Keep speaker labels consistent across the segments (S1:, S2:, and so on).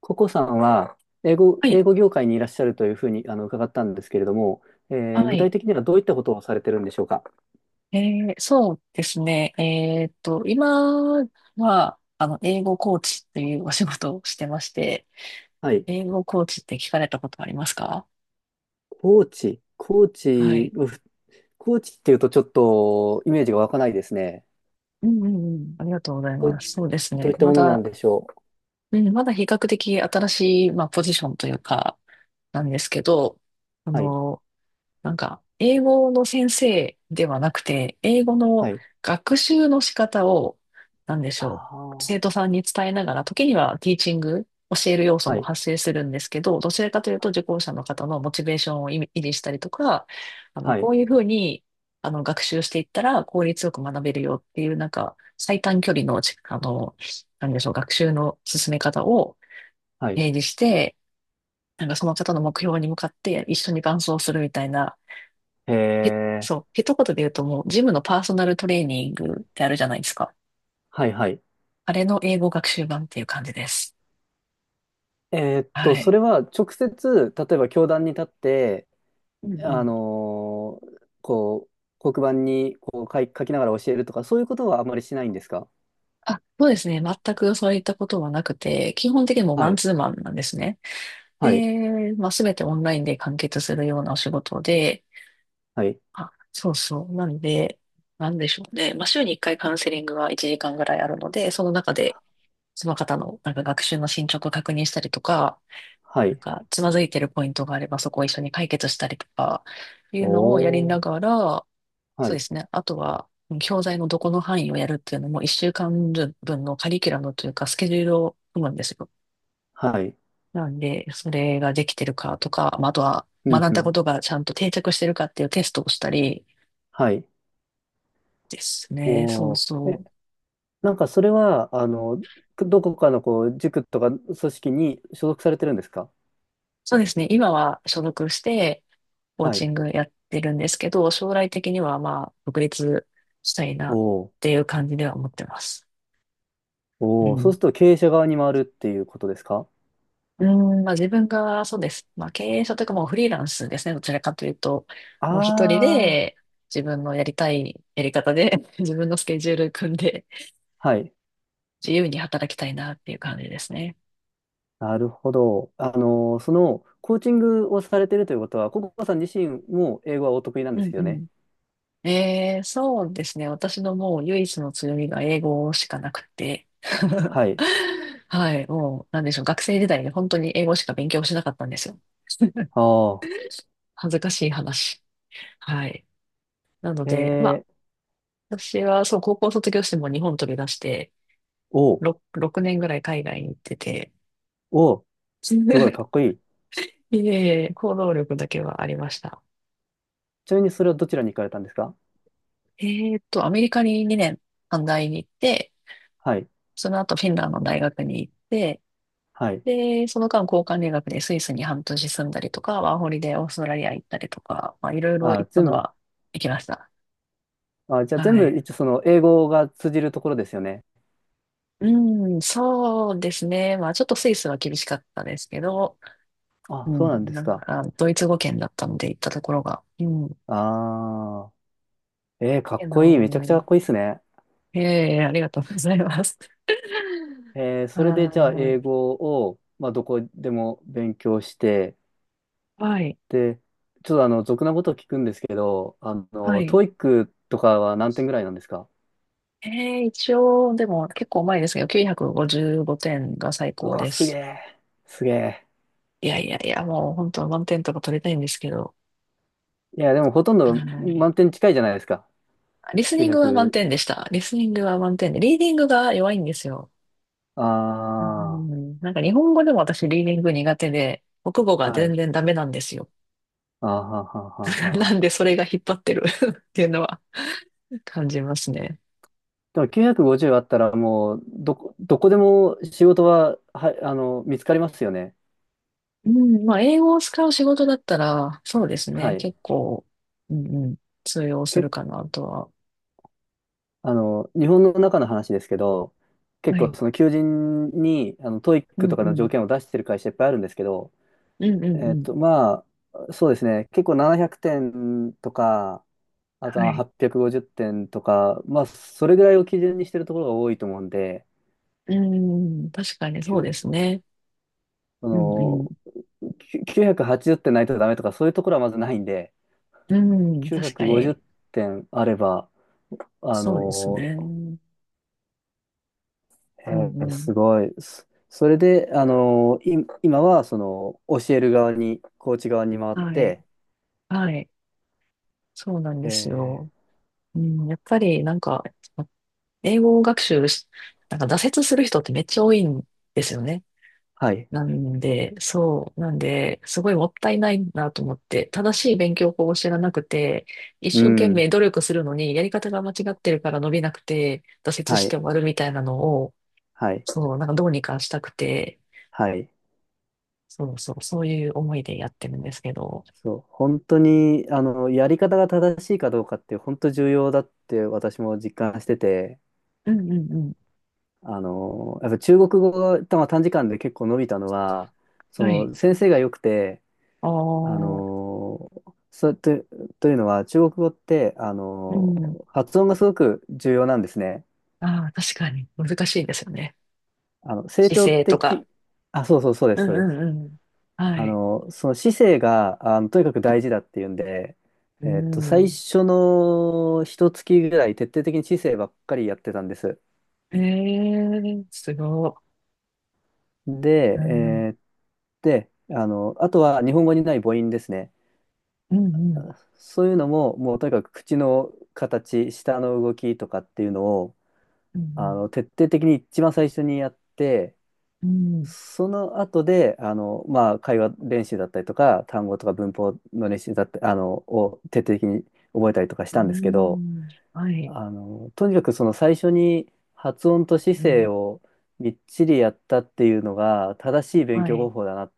S1: ココさんは、英語、
S2: は
S1: 英
S2: い、
S1: 語業界にいらっしゃるというふうに、伺ったんですけれども、
S2: は
S1: 具体
S2: い。
S1: 的にはどういったことをされてるんでしょうか？
S2: えそうですね。今は、英語コーチっていうお仕事をしてまして、
S1: はい。
S2: 英語コーチって聞かれたことありますか？
S1: コーチ、コー
S2: は
S1: チ、
S2: い。
S1: うふコーチっていうとちょっとイメージが湧かないですね。
S2: うんうんうん。ありがとうござい
S1: どうい、
S2: ます。そうです
S1: どうい
S2: ね。
S1: った
S2: ま
S1: ものなん
S2: だ、
S1: でしょう？
S2: うん、まだ比較的新しい、まあ、ポジションというか、なんですけど、あ
S1: はい、
S2: の、なんか、英語の先生ではなくて、英語の
S1: はい。
S2: 学習の仕方を、なんでし
S1: あ
S2: ょう、
S1: あ、
S2: 生徒さんに伝えながら、時にはティーチング、教える要素
S1: は
S2: も
S1: い、
S2: 発生するんですけど、どちらかというと受講者の方のモチベーションを維持したりとか、
S1: は
S2: こ
S1: い、
S2: ういうふうに、学習していったら効率よく学べるよっていう、なんか、最短距離のち、あの、なんでしょう、学習の進め方を
S1: はい。
S2: 提示して、なんかその方の目標に向かって一緒に伴走するみたいな、
S1: え
S2: そ
S1: ー、
S2: う、一言で言うともう、ジムのパーソナルトレーニングってあるじゃないですか。
S1: はい、はい。
S2: あれの英語学習版っていう感じです。は
S1: そ
S2: い。
S1: れは直接、例えば教壇に立って、
S2: うんうん。
S1: こう、黒板にこう書きながら教えるとか、そういうことはあまりしないんですか？
S2: あ、そうですね。全くそういったことはなくて、基本的にもう
S1: は
S2: マン
S1: い、
S2: ツーマンなんですね。
S1: はい、
S2: で、まあ、すべてオンラインで完結するようなお仕事で、
S1: はい、
S2: あ、そうそう。なんで、なんでしょうね。まあ、週に1回カウンセリングが1時間ぐらいあるので、その中で、その方のなんか学習の進捗を確認したりとか、
S1: は
S2: なん
S1: い。
S2: か、つまずいてるポイントがあれば、そこを一緒に解決したりとか、いうのをやり
S1: お
S2: な
S1: ー、
S2: がら、
S1: は
S2: そうで
S1: い、
S2: すね。あとは、教材のどこの範囲をやるっていうのも、一週間分のカリキュラムというか、スケジュールを組むんですよ。
S1: はい、
S2: なんで、それができてるかとか、まああとは、
S1: うん、
S2: 学ん
S1: う
S2: だこ
S1: ん、
S2: とがちゃんと定着してるかっていうテストをしたり
S1: はい、
S2: ですね。そう
S1: おー。
S2: そう。
S1: なんかそれは、どこかのこう、塾とか組織に所属されてるんですか？
S2: そうですね。今は所属してコー
S1: は
S2: チ
S1: い。
S2: ングやってるんですけど、将来的にはまあ、独立したいなっ
S1: おー、
S2: ていう感じでは思ってます。う
S1: おー、そう
S2: ん。
S1: すると経営者側に回るっていうことですか？
S2: うん、まあ自分がそうです。まあ経営者というかもうフリーランスですね。どちらかというと、
S1: あ
S2: もう一人で
S1: ー、
S2: 自分のやりたいやり方で 自分のスケジュール組んで
S1: はい。
S2: 自由に働きたいなっていう感じですね。
S1: なるほど。その、コーチングをされてるということは、ココさん自身も英語はお得意なんで
S2: うん
S1: す
S2: う
S1: よね？
S2: ん。そうですね。私のもう唯一の強みが英語しかなくて。
S1: はい。
S2: はい。もう、なんでしょう。学生時代に本当に英語しか勉強しなかったんですよ。
S1: ああ。
S2: 恥ずかしい話。はい。なの
S1: え
S2: で、まあ、
S1: ー、
S2: 私はそう、高校卒業しても日本飛び出して、
S1: おう、
S2: 6年ぐらい海外に行ってて、
S1: おう、すごい、かっ こいい。
S2: いえいえ、行動力だけはありました。
S1: ちなみにそれはどちらに行かれたんですか？
S2: アメリカに2年短大に行って、
S1: はい、
S2: その後フィンランドの大学に行って、
S1: はい。
S2: で、その間交換留学でスイスに半年住んだりとか、ワーホリでオーストラリア行ったりとか、まあいろいろ行っ
S1: あ
S2: た
S1: 全
S2: の
S1: 部、
S2: は行きました。
S1: あ、じゃあ全
S2: は
S1: 部、
S2: い。
S1: 一応その、英語が通じるところですよね？
S2: うん、そうですね。まあちょっとスイスは厳しかったですけど、う
S1: あ、そうなん
S2: ん、
S1: で
S2: な
S1: す
S2: ん
S1: か？
S2: かドイツ語圏だったので行ったところが、うん。
S1: ああ。えー、かっ
S2: け
S1: こいい。めちゃくちゃ
S2: ど、
S1: かっこいいですね。
S2: ええ、ありがとうございます。あ
S1: それでじゃあ、英
S2: ー、
S1: 語を、まあ、どこでも勉強して、
S2: はい、
S1: で、ちょっと俗なことを聞くんですけど、
S2: はい。
S1: トイックとかは何点ぐらいなんですか？
S2: ええ、一応、でも結構前ですけど、955点が最
S1: う
S2: 高
S1: わ、
S2: で
S1: すげ
S2: す。
S1: え、すげえ。
S2: いやいやいや、もう本当は満点とか取りたいんですけど、
S1: いや、でもほとんど
S2: はい。
S1: 満点近いじゃないですか。
S2: リスニングは満
S1: 900。
S2: 点でした。リスニングは満点で、リーディングが弱いんですよ。う
S1: あ
S2: ん、なんか日本語でも私リーディング苦手で、国語
S1: あ、
S2: が
S1: は
S2: 全
S1: い。
S2: 然ダメなんですよ。
S1: あーははは
S2: な
S1: は。
S2: んでそれが引っ張ってる っていうのは感じますね。
S1: でも950あったらもう、どこでも仕事は、はい、見つかりますよね？
S2: うん、まあ、英語を使う仕事だったら、そうです
S1: は
S2: ね。
S1: い。
S2: 結構、うんうん、通用す
S1: け、
S2: るかなとは。
S1: 日本の中の話ですけど、結
S2: は
S1: 構
S2: い。
S1: その求人に、トイッ
S2: う
S1: ク
S2: んう
S1: とかの条
S2: ん。
S1: 件を出してる会社いっぱいあるんですけど、
S2: うんうんうん。
S1: まあ、そうですね。結構700点とか、あと
S2: は
S1: まあのは
S2: い。
S1: 850点とか、まあ、それぐらいを基準にしてるところが多いと思うんで、
S2: うん、確かに
S1: き
S2: そうで
S1: ゅ
S2: すね。
S1: そ
S2: うんうん。
S1: の、きゅ980点ないとダメとか、そういうところはまずないんで、
S2: うん、確か
S1: 950
S2: に。
S1: 点あれば、あ
S2: そうですね。
S1: の、
S2: うん
S1: え
S2: う
S1: ーす
S2: ん。
S1: ごい。それで、今は、その、教える側に、コーチ側に回っ
S2: はい。
S1: て、
S2: はい。そうなんです
S1: え
S2: よ。
S1: ー
S2: うん、やっぱりなんか、英語学習し、なんか挫折する人ってめっちゃ多いんですよね。
S1: はい。
S2: なんで、そう、なんで、すごいもったいないなと思って、正しい勉強法を知らなくて、一
S1: う
S2: 生懸
S1: ん。
S2: 命努力するのに、やり方が間違ってるから伸びなくて、挫折
S1: は
S2: して
S1: い。
S2: 終わるみたいなのを、
S1: はい。
S2: そう、なんかどうにかしたくて、
S1: はい。
S2: そうそう、そういう思いでやってるんですけど。
S1: そう、本当に、やり方が正しいかどうかって本当重要だって私も実感してて、
S2: うんうんう
S1: やっぱ中国語が短時間で結構伸びたのは、
S2: ん。
S1: そ
S2: はい。
S1: の先生が良くて、
S2: あ
S1: あ
S2: あ、
S1: の、そうと、というのは中国語って、
S2: うん。
S1: 発音がすごく重要なんですね。
S2: ああ、確かに難しいですよね。
S1: あの、成
S2: 姿
S1: 長
S2: 勢とか。
S1: 的、あ、そうそうそうです、
S2: うん
S1: そ
S2: う
S1: うです。
S2: んうん。はい。
S1: その姿勢が、とにかく大事だっていうんで、
S2: う
S1: 最
S2: ん。
S1: 初の一月ぐらい徹底的に姿勢ばっかりやってたんです。
S2: ええすごい。う
S1: で、
S2: ん
S1: で、あとは日本語にない母音ですね。
S2: うんうん。
S1: そういうのも、もうとにかく口の形、舌の動きとかっていうのを、
S2: うん
S1: 徹底的に一番最初にやって、
S2: うん。
S1: その後で、まあ、会話練習だったりとか、単語とか文法の練習だったり、を徹底的に覚えたりとかし
S2: う
S1: たんですけど、
S2: ん。うんはい。
S1: とにかくその最初に発音と姿
S2: う
S1: 勢
S2: ん。
S1: をみっちりやったっていうのが正しい勉
S2: は
S1: 強方
S2: い。
S1: 法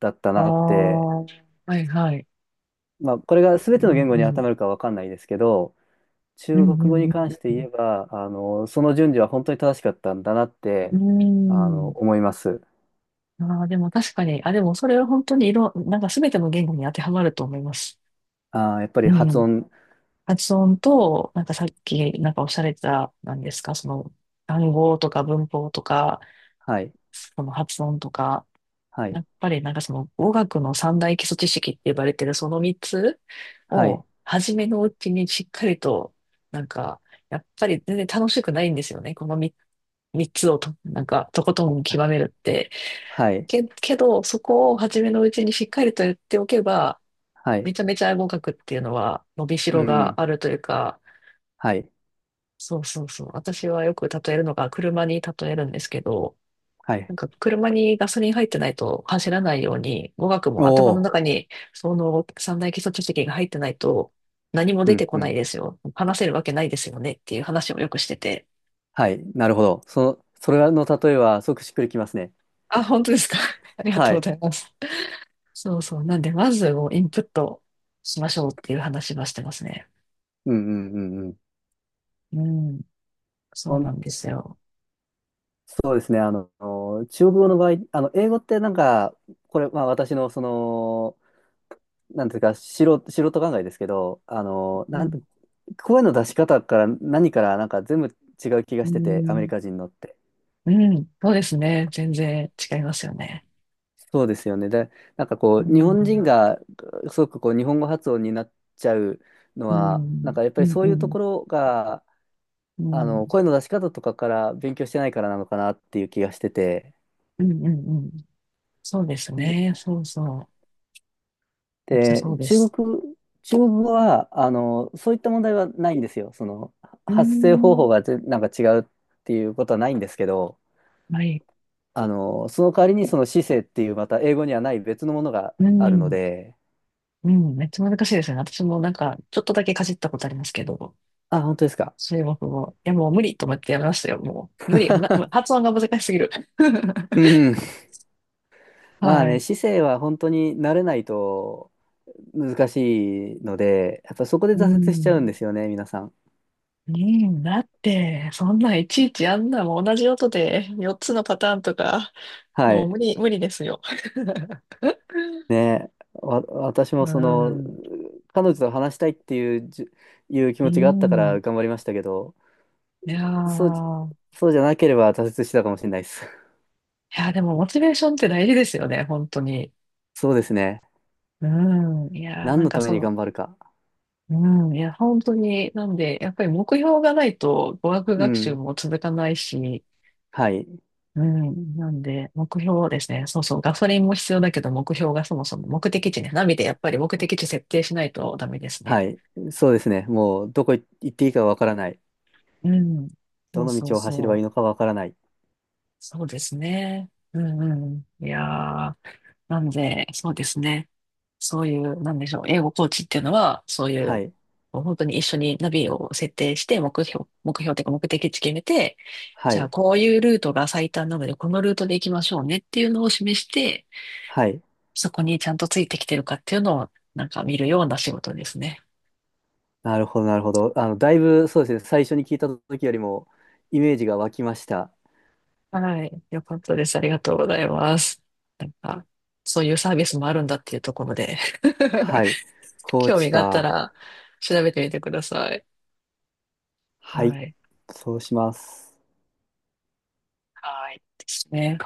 S1: だった
S2: ああ。
S1: なって、
S2: はいはい。
S1: まあこれが
S2: う
S1: 全ての言語
S2: ん
S1: に
S2: う
S1: 当て
S2: ん。
S1: はまるかわかんないですけど、
S2: うん
S1: 中国
S2: う
S1: 語に
S2: んう
S1: 関して言え
S2: ん
S1: ば、その順序は本当に正しかったんだなって、
S2: うん。う
S1: 思います。
S2: ーん。ああ、でも確かに、あ、でもそれは本当になんか全ての言語に当てはまると思います。
S1: あー、やっぱり
S2: う
S1: 発
S2: ん。
S1: 音、
S2: 発音と、なんかさっき、なんかおっしゃられてた、なんですか、その、単語とか文法とか、
S1: はい、
S2: その発音とか、
S1: は
S2: や
S1: い、
S2: っぱりなんかその語学の三大基礎知識って呼ばれてるその三つ
S1: はい、
S2: を初めのうちにしっかりと、なんかやっぱり全然楽しくないんですよね。この三つをと、なんかとことん極めるって。
S1: はい、
S2: けどそこを初めのうちにしっかりとやっておけば
S1: はい、
S2: めちゃめちゃ語学っていうのは伸びし
S1: う
S2: ろが
S1: ん、
S2: あるというか、
S1: はい、
S2: そうそうそう。私はよく例えるのが車に例えるんですけど、
S1: は
S2: なん
S1: い。
S2: か車にガソリン入ってないと走らないように、語学
S1: お
S2: も頭の
S1: お、
S2: 中にその三大基礎知識が入ってないと何も
S1: う
S2: 出て
S1: ん、
S2: こ
S1: う
S2: ない
S1: ん。
S2: ですよ。話せるわけないですよねっていう話をよくしてて。
S1: はい。なるほど。その、それの例えは、すごくしっくりきますね。
S2: あ、本当ですか。ありが
S1: は
S2: とうご
S1: い。
S2: ざいます。そうそう。なんで、まずをインプットしましょうっていう話はしてますね。
S1: うんうんうんうん。
S2: うん。そ
S1: ほ
S2: うな
S1: ん
S2: んですよ。
S1: そうですね。中国語の場合、英語ってなんか、これ、まあ私の、その、なんていうか、素人考えですけど、
S2: うん。
S1: 声の出し方から何から、なんか全部違う気が
S2: う
S1: してて、アメリ
S2: ん。
S1: カ人のって。
S2: うん。そうですね。全然違いますよね。
S1: そうですよね。で、なんか
S2: う
S1: こう、日本人
S2: ん。
S1: が、すごくこう、日本語発音になっちゃうの
S2: う
S1: は、なん
S2: ん。
S1: かやっ
S2: う
S1: ぱり
S2: ん。
S1: そ
S2: う
S1: ういうと
S2: ん。
S1: ころが、
S2: うん。
S1: 声の出し方とかから勉強してないからなのかなっていう気がしてて。
S2: うん。うん。うん。そうです
S1: で、
S2: ね。そうそう。めっちゃそ
S1: で
S2: うで
S1: 中
S2: す。
S1: 国、中国語は、そういった問題はないんですよ。
S2: うー
S1: 発声方法が
S2: ん。
S1: なんか違うっていうことはないんですけど、
S2: はい。
S1: その代わりにその姿勢っていうまた英語にはない別のものが
S2: う
S1: あるの
S2: ん。
S1: で、
S2: うん。めっちゃ難しいですよね。私もなんか、ちょっとだけかじったことありますけど、
S1: あ、本当ですか？
S2: 中国語。いや、もう無理と思ってやめましたよ。もう、無理。発音が難しすぎる。
S1: う んうん。まあ
S2: は
S1: ね、
S2: い。
S1: 姿勢は本当に慣れないと難しいので、やっぱそこで
S2: う
S1: 挫折しちゃうん
S2: ん。
S1: ですよね、皆さん。
S2: うん、だって、そんなんいちいちあんなもん同じ音で4つのパターンとか、
S1: は
S2: もう
S1: い。
S2: 無理、無理ですよ。
S1: 私
S2: う
S1: もその、
S2: ん。
S1: 彼女と話したいっていういう気
S2: う
S1: 持ちがあったか
S2: ん。
S1: ら頑張りましたけど、
S2: いや
S1: そう、
S2: ー、
S1: そうじゃなければ挫折してたかもしれないです。
S2: いや、でもモチベーションって大事ですよね、本当に。
S1: そうですね。
S2: うん。いや、
S1: 何
S2: なん
S1: の
S2: か
S1: ため
S2: そ
S1: に
S2: の、
S1: 頑張るか。
S2: うん。いや、本当に、なんで、やっぱり目標がないと語学
S1: う
S2: 学習
S1: ん。
S2: も続かないし、
S1: はい。
S2: うん。なんで、目標ですね。そうそう。ガソリンも必要だけど、目標がそもそも目的地ね。ナビでやっぱり目的地設定しないとダメですね。
S1: はい。そうですね。もう、どこ行っていいかわからない。
S2: うん。そ
S1: ど
S2: う
S1: の
S2: そう
S1: 道を走れ
S2: そ
S1: ばいいの
S2: う。
S1: かわからない。
S2: そうですね。うんうん。いやー、なんで、そうですね。そういう、なんでしょう。英語コーチっていうのは、そうい
S1: は
S2: う、
S1: い。
S2: もう本当に一緒にナビを設定して、目標、目標というか目的地決めて、
S1: は
S2: じゃあ
S1: い。
S2: こういうルートが最短なので、このルートで行きましょうねっていうのを示して、
S1: はい。
S2: そこにちゃんとついてきてるかっていうのを、なんか見るような仕事ですね。
S1: なるほど、なるほど。だいぶ、そうですね。最初に聞いた時よりも、イメージが湧きました。
S2: はい。よかったです。ありがとうございます。なんか、そういうサービスもあるんだっていうところで
S1: はい。コー
S2: 興味
S1: チ
S2: があった
S1: か。
S2: ら、調べてみてください。
S1: はい、
S2: はい。
S1: そうします。
S2: はい。ですね。